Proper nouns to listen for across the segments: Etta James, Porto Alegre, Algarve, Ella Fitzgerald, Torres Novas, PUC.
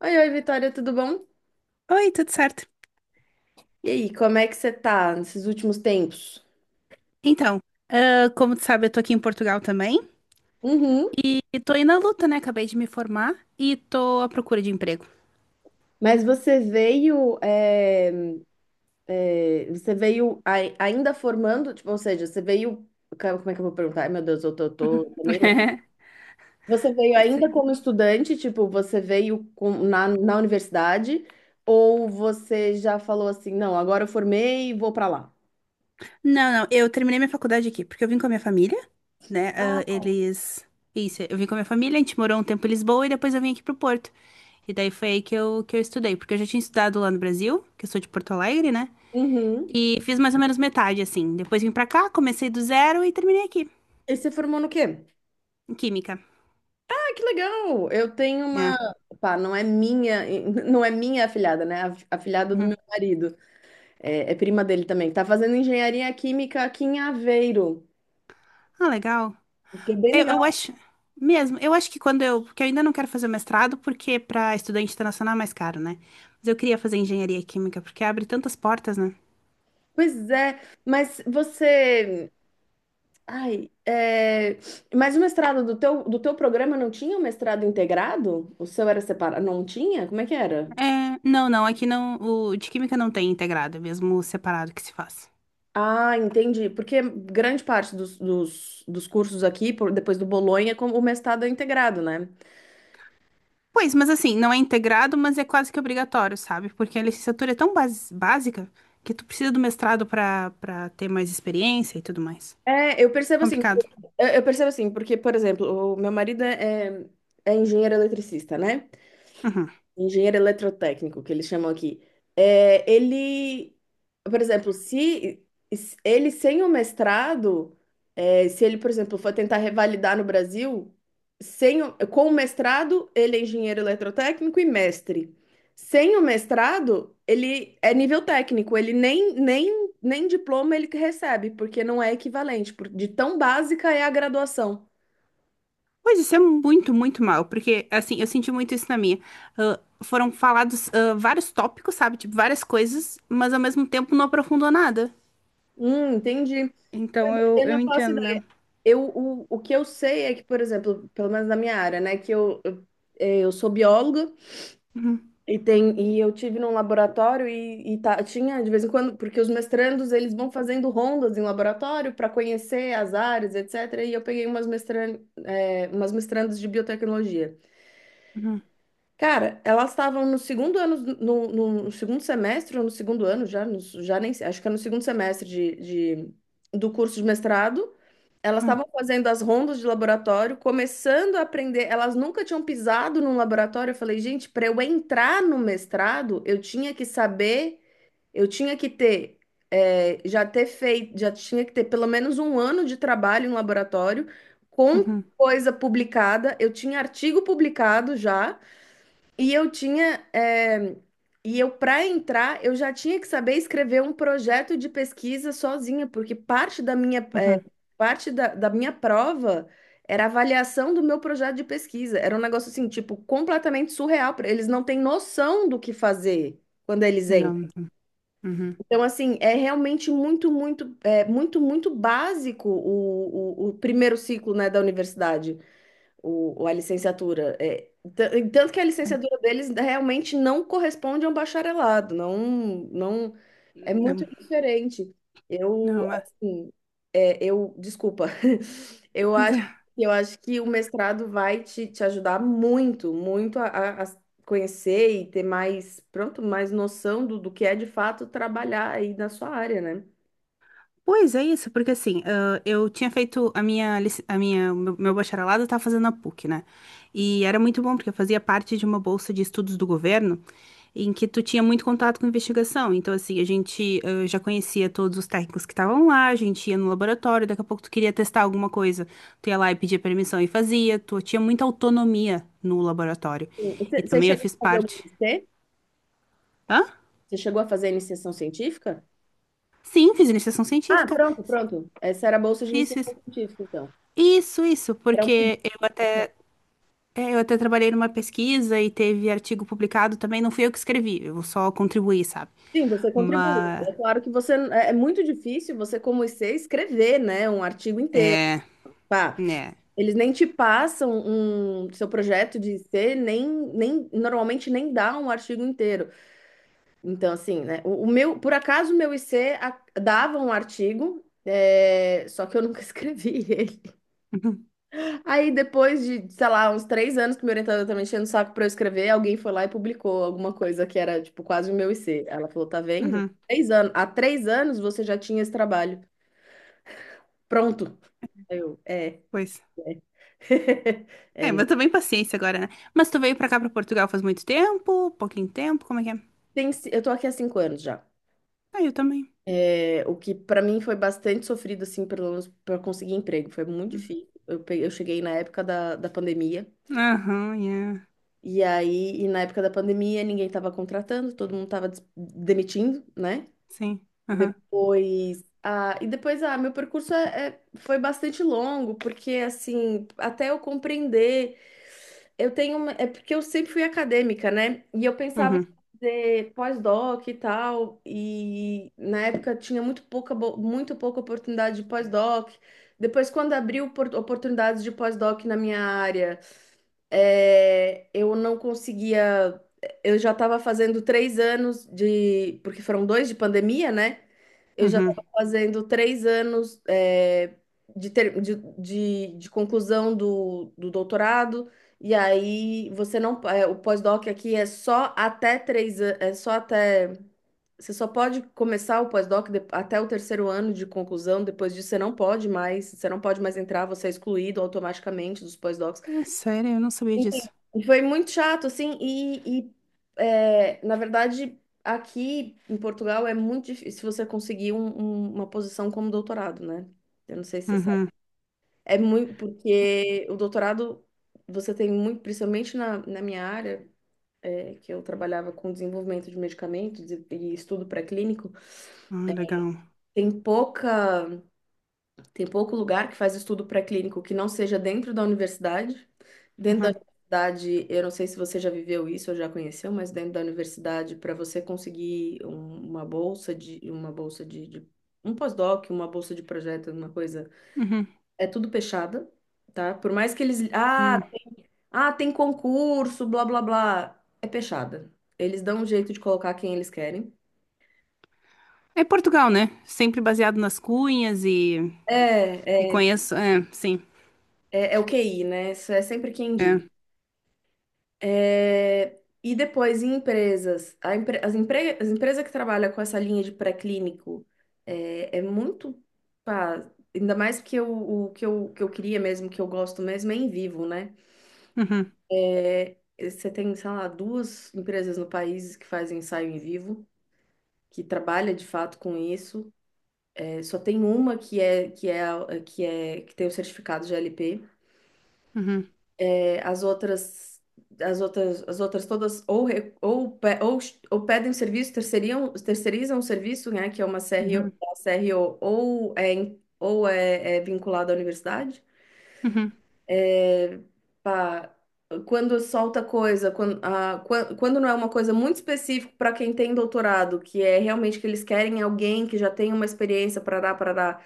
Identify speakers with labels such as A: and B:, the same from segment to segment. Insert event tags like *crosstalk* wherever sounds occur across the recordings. A: Oi, oi, Vitória, tudo bom?
B: Oi, tudo certo?
A: E aí, como é que você tá nesses últimos tempos?
B: Então, como tu sabe, eu tô aqui em Portugal também
A: Uhum.
B: e tô aí na luta, né? Acabei de me formar e tô à procura de emprego.
A: Mas você veio, você veio ainda formando, tipo, ou seja, você veio, cara, como é que eu vou perguntar? Ai, meu Deus, eu tô meio louca.
B: *laughs*
A: Você veio ainda
B: Sim.
A: como estudante, tipo, você veio na universidade, ou você já falou assim, não, agora eu formei e vou pra lá?
B: Não, não, eu terminei minha faculdade aqui, porque eu vim com a minha família, né? ah, eles. Isso, eu vim com a minha família, a gente morou um tempo em Lisboa e depois eu vim aqui pro Porto. E daí foi aí que eu estudei, porque eu já tinha estudado lá no Brasil, que eu sou de Porto Alegre, né?
A: Uhum.
B: E fiz mais ou menos metade, assim. Depois vim pra cá, comecei do zero e terminei aqui,
A: E você formou no quê?
B: em Química.
A: Ah, que legal! Eu tenho uma,
B: É.
A: pá, não é minha, *laughs* não é minha afilhada, né? A afilhada do
B: Uhum.
A: meu marido, é prima dele também, que tá fazendo engenharia química aqui em Aveiro,
B: Ah, legal.
A: o que é bem
B: Eu
A: legal.
B: acho, mesmo, eu acho que quando eu, porque eu ainda não quero fazer o mestrado, porque para estudante internacional é mais caro, né? Mas eu queria fazer engenharia química, porque abre tantas portas, né?
A: Pois é, mas você, ai, é, mas o mestrado do teu programa não tinha um mestrado integrado? O seu era separado? Não tinha? Como é que era?
B: É, não, não, aqui não, o de química não tem integrado, é mesmo separado que se faz.
A: Ah, entendi. Porque grande parte dos cursos aqui, depois do Bolonha, como o mestrado é integrado, né?
B: Pois, mas assim, não é integrado, mas é quase que obrigatório, sabe? Porque a licenciatura é tão básica que tu precisa do mestrado para ter mais experiência e tudo mais.
A: É, eu percebo assim, eu
B: Complicado.
A: eu percebo assim, porque, por exemplo, o meu marido é engenheiro eletricista, né?
B: Uhum.
A: Engenheiro eletrotécnico, que eles chamam aqui. É, ele, por exemplo, se ele sem o mestrado, é, se ele, por exemplo, for tentar revalidar no Brasil, sem o- com o mestrado, ele é engenheiro eletrotécnico e mestre. Sem o mestrado, ele é nível técnico, ele nem diploma ele que recebe, porque não é equivalente, de tão básica é a graduação.
B: Pois isso é muito, muito mal, porque assim, eu senti muito isso na minha. Foram falados vários tópicos, sabe? Tipo, várias coisas, mas ao mesmo tempo não aprofundou nada.
A: Entendi.
B: Então eu,
A: Eu
B: eu
A: não faço.
B: entendo mesmo.
A: O que eu sei é que, por exemplo, pelo menos na minha área, né, que eu sou bióloga
B: Uhum,
A: e, e eu tive num laboratório e tá, tinha de vez em quando, porque os mestrandos eles vão fazendo rondas em laboratório para conhecer as áreas, etc. E eu peguei umas, umas mestrandas de biotecnologia.
B: uhum,
A: Cara, elas estavam no segundo ano, no segundo semestre, ou no segundo ano já, já nem sei, acho que é no segundo semestre de, do curso de mestrado. Elas
B: uhum,
A: estavam fazendo as rondas de laboratório, começando a aprender. Elas nunca tinham pisado num laboratório. Eu falei, gente, para eu entrar no mestrado, eu tinha que saber, eu tinha que ter, já ter feito, já tinha que ter pelo menos um ano de trabalho em laboratório, com
B: uhum,
A: coisa publicada. Eu tinha artigo publicado já. E eu tinha, e eu para entrar, eu já tinha que saber escrever um projeto de pesquisa sozinha, porque parte da minha,
B: uhum.
A: parte da minha prova era a avaliação do meu projeto de pesquisa. Era um negócio assim, tipo, completamente surreal. Eles não têm noção do que fazer quando eles
B: Não,
A: entram.
B: não, uhum.
A: Então, assim, é realmente muito, muito, muito, muito básico o primeiro ciclo, né, da universidade, a licenciatura. É, e tanto que a
B: É.
A: licenciatura deles realmente não corresponde a um bacharelado, não, não é muito
B: Não,
A: diferente. Eu,
B: não, ah.
A: assim, é, eu, desculpa, *laughs* eu acho,
B: *laughs*
A: eu acho que o mestrado vai te, te ajudar muito, muito a, a conhecer e ter mais, pronto, mais noção do que é de fato trabalhar aí na sua área, né?
B: Pois é isso, porque assim, eu tinha feito a minha, a minha, meu bacharelado eu tava fazendo na PUC, né? E era muito bom, porque eu fazia parte de uma bolsa de estudos do governo, em que tu tinha muito contato com investigação. Então, assim, a gente já conhecia todos os técnicos que estavam lá, a gente ia no laboratório, daqui a pouco tu queria testar alguma coisa, tu ia lá e pedia permissão e fazia, tu tinha muita autonomia no laboratório.
A: Sim.
B: E
A: Você
B: também eu
A: chegou
B: fiz
A: a fazer o
B: parte.
A: MSc?
B: Hã?
A: Você chegou a fazer a iniciação científica?
B: Sim, fiz iniciação
A: Ah,
B: científica.
A: pronto, pronto. Essa era a bolsa de
B: Fiz,
A: iniciação
B: fiz.
A: científica, então.
B: Isso,
A: Era um pedido.
B: porque eu. É, eu até trabalhei numa pesquisa e teve artigo publicado também. Não fui eu que escrevi, eu só contribuí, sabe?
A: Sim, você contribui.
B: Mas.
A: É claro que você é muito difícil você como IC escrever, né, um artigo inteiro.
B: É.
A: Pá,
B: Né.
A: eles nem te passam um seu projeto de IC, nem normalmente nem dá um artigo inteiro. Então, assim, né, o meu, por acaso o meu IC dava um artigo, é, só que eu nunca *laughs* escrevi ele.
B: Uhum,
A: Aí depois de, sei lá, uns três anos que meu orientador tá enchendo o saco pra eu escrever, alguém foi lá e publicou alguma coisa que era, tipo, quase o meu IC. Ela falou, tá vendo?
B: uhum,
A: Três anos. Há três anos você já tinha esse trabalho. Pronto. Aí eu, é.
B: pois.
A: É, *laughs* é,
B: É,
A: né?
B: mas também paciência agora, né? Mas tu veio pra cá, pra Portugal, faz muito tempo? Pouquinho tempo? Como é que é?
A: Eu tô aqui há cinco anos já.
B: Ah, eu também.
A: É, o que pra mim foi bastante sofrido, assim, pelo menos pra conseguir emprego. Foi muito
B: Hum.
A: difícil. Eu, eu cheguei na época da pandemia.
B: Aham, yeah.
A: E aí, e na época da pandemia, ninguém tava contratando, todo mundo tava demitindo, né?
B: Sim. Aham.
A: Depois, ah, e depois, ah, meu percurso é, foi bastante longo, porque, assim, até eu compreender, eu tenho uma, é porque eu sempre fui acadêmica, né? E eu pensava em
B: Uhum,
A: fazer pós-doc e tal, e na época tinha muito pouca, muito pouca oportunidade de pós-doc. Depois, quando abriu oportunidades de pós-doc na minha área, é, eu não conseguia. Eu já estava fazendo três anos de. Porque foram dois de pandemia, né? Eu já
B: uhum.
A: estava fazendo três anos é, de, de conclusão do doutorado. E aí você não. É, o pós-doc aqui é só até três anos. É só até. Você só pode começar o pós-doc até o terceiro ano de conclusão. Depois disso, você não pode mais. Você não pode mais entrar, você é excluído automaticamente dos pós-docs.
B: É sério, eu não sabia disso.
A: E foi muito chato, assim, é, na verdade, aqui em Portugal é muito difícil você conseguir uma posição como doutorado, né? Eu não sei se você sabe.
B: Uhum.
A: É muito, porque o doutorado, você tem muito, principalmente na minha área, é, que eu trabalhava com desenvolvimento de medicamentos e estudo pré-clínico,
B: Ah, legal.
A: tem pouca. Tem pouco lugar que faz estudo pré-clínico que não seja dentro da universidade. Dentro da
B: Uhum,
A: universidade, eu não sei se você já viveu isso ou já conheceu, mas dentro da universidade, para você conseguir uma bolsa de um pós-doc, uma bolsa de projeto, uma coisa,
B: uhum,
A: é tudo pechada, tá? Por mais que eles,
B: uhum.
A: tem concurso, blá blá blá, é pechada. Eles dão um jeito de colocar quem eles querem.
B: É Portugal, né? Sempre baseado nas cunhas e. E
A: É, é,
B: conheço. É, sim.
A: É o QI, né? Isso é sempre quem
B: É.
A: indica. É, e depois em empresas, a empre- as empresas que trabalham com essa linha de pré-clínico é muito, pá, ainda mais que eu, que eu queria mesmo, que eu gosto mesmo é em vivo, né?
B: Uhum,
A: É, você tem, sei lá, duas empresas no país que fazem ensaio em vivo, que trabalha de fato com isso. É, só tem uma que é a- que é que tem o certificado de GLP.
B: uhum,
A: As outras, As outras todas ou, ou pedem serviço, terceirizam o serviço, né, que é uma CRO,
B: uhum,
A: uma CRO ou é vinculado à universidade.
B: uhum,
A: Pá, quando solta coisa, quando, ah, quando não é uma coisa muito específica para quem tem doutorado, que é realmente que eles querem alguém que já tenha uma experiência, parará, parará,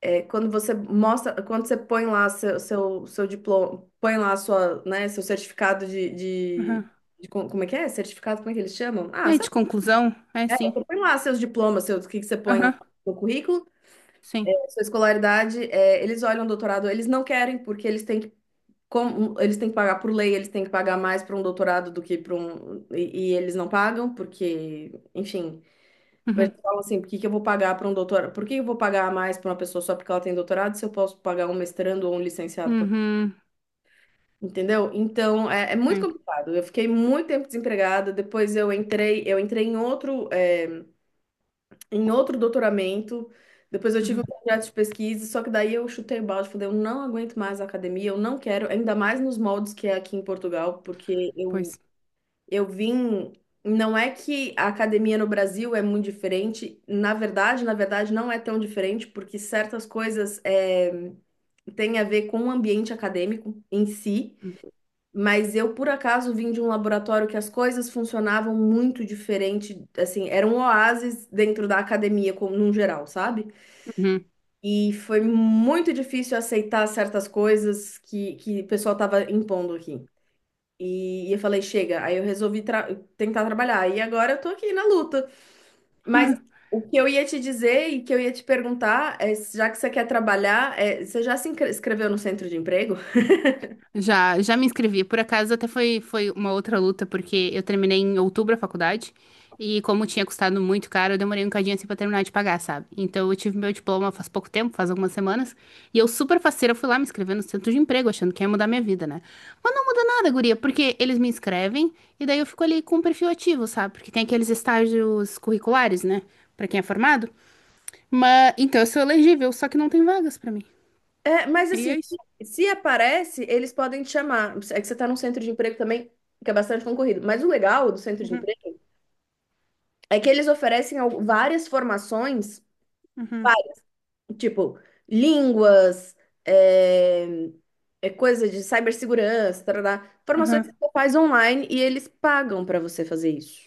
A: é, quando você mostra, quando você põe lá seu diploma, põe lá sua, né, seu certificado de, de,
B: uhum.
A: de co- como é que é? Certificado, como é que eles chamam? Ah,
B: É de
A: sabe?
B: conclusão? É,
A: É,
B: sim.
A: você põe lá seus diplomas, seus, o que que você põe lá
B: Aham,
A: no currículo,
B: sim.
A: sua escolaridade, é, eles olham o doutorado, eles não querem, porque eles têm que, como, eles têm que pagar por lei, eles têm que pagar mais para um doutorado do que para um, e eles não pagam, porque, enfim. Eles
B: Uhum,
A: falam assim, por que que eu vou pagar para um doutorado? Por que eu vou pagar a mais para uma pessoa só porque ela tem doutorado se eu posso pagar um mestrando ou um licenciado?
B: uhum,
A: Entendeu? Então, é muito
B: sim.
A: complicado. Eu fiquei muito tempo desempregada, depois eu entrei em outro, é, em outro doutoramento, depois eu tive um
B: Uhum,
A: projeto de pesquisa, só que daí eu chutei o balde, falei, eu não aguento mais a academia, eu não quero, ainda mais nos moldes que é aqui em Portugal, porque eu.
B: pois.
A: Eu vim. Não é que a academia no Brasil é muito diferente. Na verdade, não é tão diferente, porque certas coisas é, têm a ver com o ambiente acadêmico em si. Mas eu, por acaso, vim de um laboratório que as coisas funcionavam muito diferente. Assim, era um oásis dentro da academia, como num geral, sabe?
B: Uhum.
A: E foi muito difícil aceitar certas coisas que o pessoal estava impondo aqui. E eu falei, chega. Aí eu resolvi tentar trabalhar. E agora eu tô aqui na luta. Mas
B: *laughs*
A: o que eu ia te dizer e que eu ia te perguntar é, já que você quer trabalhar, é, você já se inscre- inscreveu no centro de emprego?
B: Já, já me inscrevi. Por acaso, até foi, foi uma outra luta, porque eu terminei em outubro a faculdade. E como tinha custado muito caro, eu demorei um cadinho assim pra terminar de pagar, sabe? Então eu tive meu diploma faz pouco tempo, faz algumas semanas. E eu super faceira fui lá me inscrever no centro de emprego, achando que ia mudar minha vida, né? Mas não muda nada, guria, porque eles me inscrevem e daí eu fico ali com o perfil ativo, sabe? Porque tem aqueles estágios curriculares, né? Pra quem é formado. Mas então eu sou elegível, só que não tem vagas pra mim.
A: É, mas
B: E
A: assim,
B: é isso.
A: se aparece, eles podem te chamar. É que você tá num centro de emprego também, que é bastante concorrido. Mas o legal do centro de
B: Uhum,
A: emprego é que eles oferecem várias formações.
B: uhum,
A: Tipo, línguas, é, é coisa de cibersegurança, tarará, formações que
B: uhum.
A: você faz online e eles pagam para você fazer isso.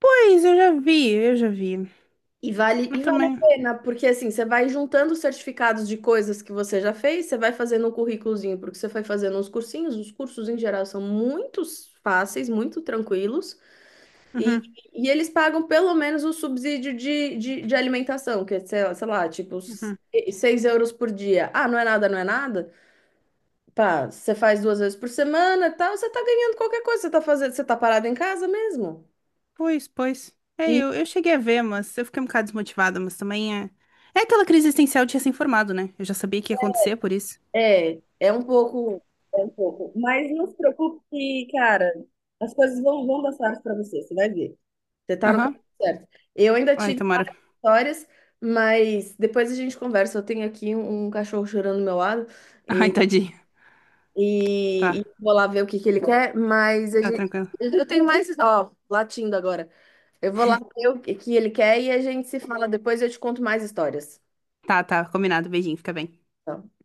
B: Pois, eu já vi, eu já vi.
A: E vale,
B: Eu
A: e vale a
B: também.
A: pena, porque assim, você vai juntando certificados de coisas que você já fez, você vai fazendo um currículozinho, porque você foi fazendo uns cursinhos, os cursos em geral são muito fáceis, muito tranquilos, e,
B: Uhum,
A: e eles pagam pelo menos o subsídio de alimentação, que é, sei lá, tipo,
B: uhum.
A: 6 € por dia. Ah, não é nada, não é nada? Pá, você faz duas vezes por semana, e tal, você tá ganhando qualquer coisa, você tá fazendo, você tá parado em casa mesmo.
B: Pois, pois. É,
A: E
B: eu cheguei a ver, mas eu fiquei um bocado desmotivada, mas também é. É aquela crise existencial de recém informado né? Eu já sabia que ia acontecer, por isso.
A: é um pouco, mas não se preocupe que, cara, as coisas vão dar certo pra você, você vai ver. Você tá no
B: Aham.
A: caminho certo. Eu ainda
B: Ai,
A: tive
B: tomara.
A: várias histórias, mas depois a gente conversa. Eu tenho aqui um cachorro chorando do meu lado
B: *laughs* Ai,
A: e,
B: tadinho. Tá,
A: e vou lá ver o que que ele quer, mas a
B: tá
A: gente,
B: tranquilo.
A: eu tenho mais, ó, latindo agora. Eu vou lá ver o que que ele quer e a gente se fala depois e eu te conto mais histórias.
B: Tá, tá, combinado. Beijinho, fica bem.
A: Tá.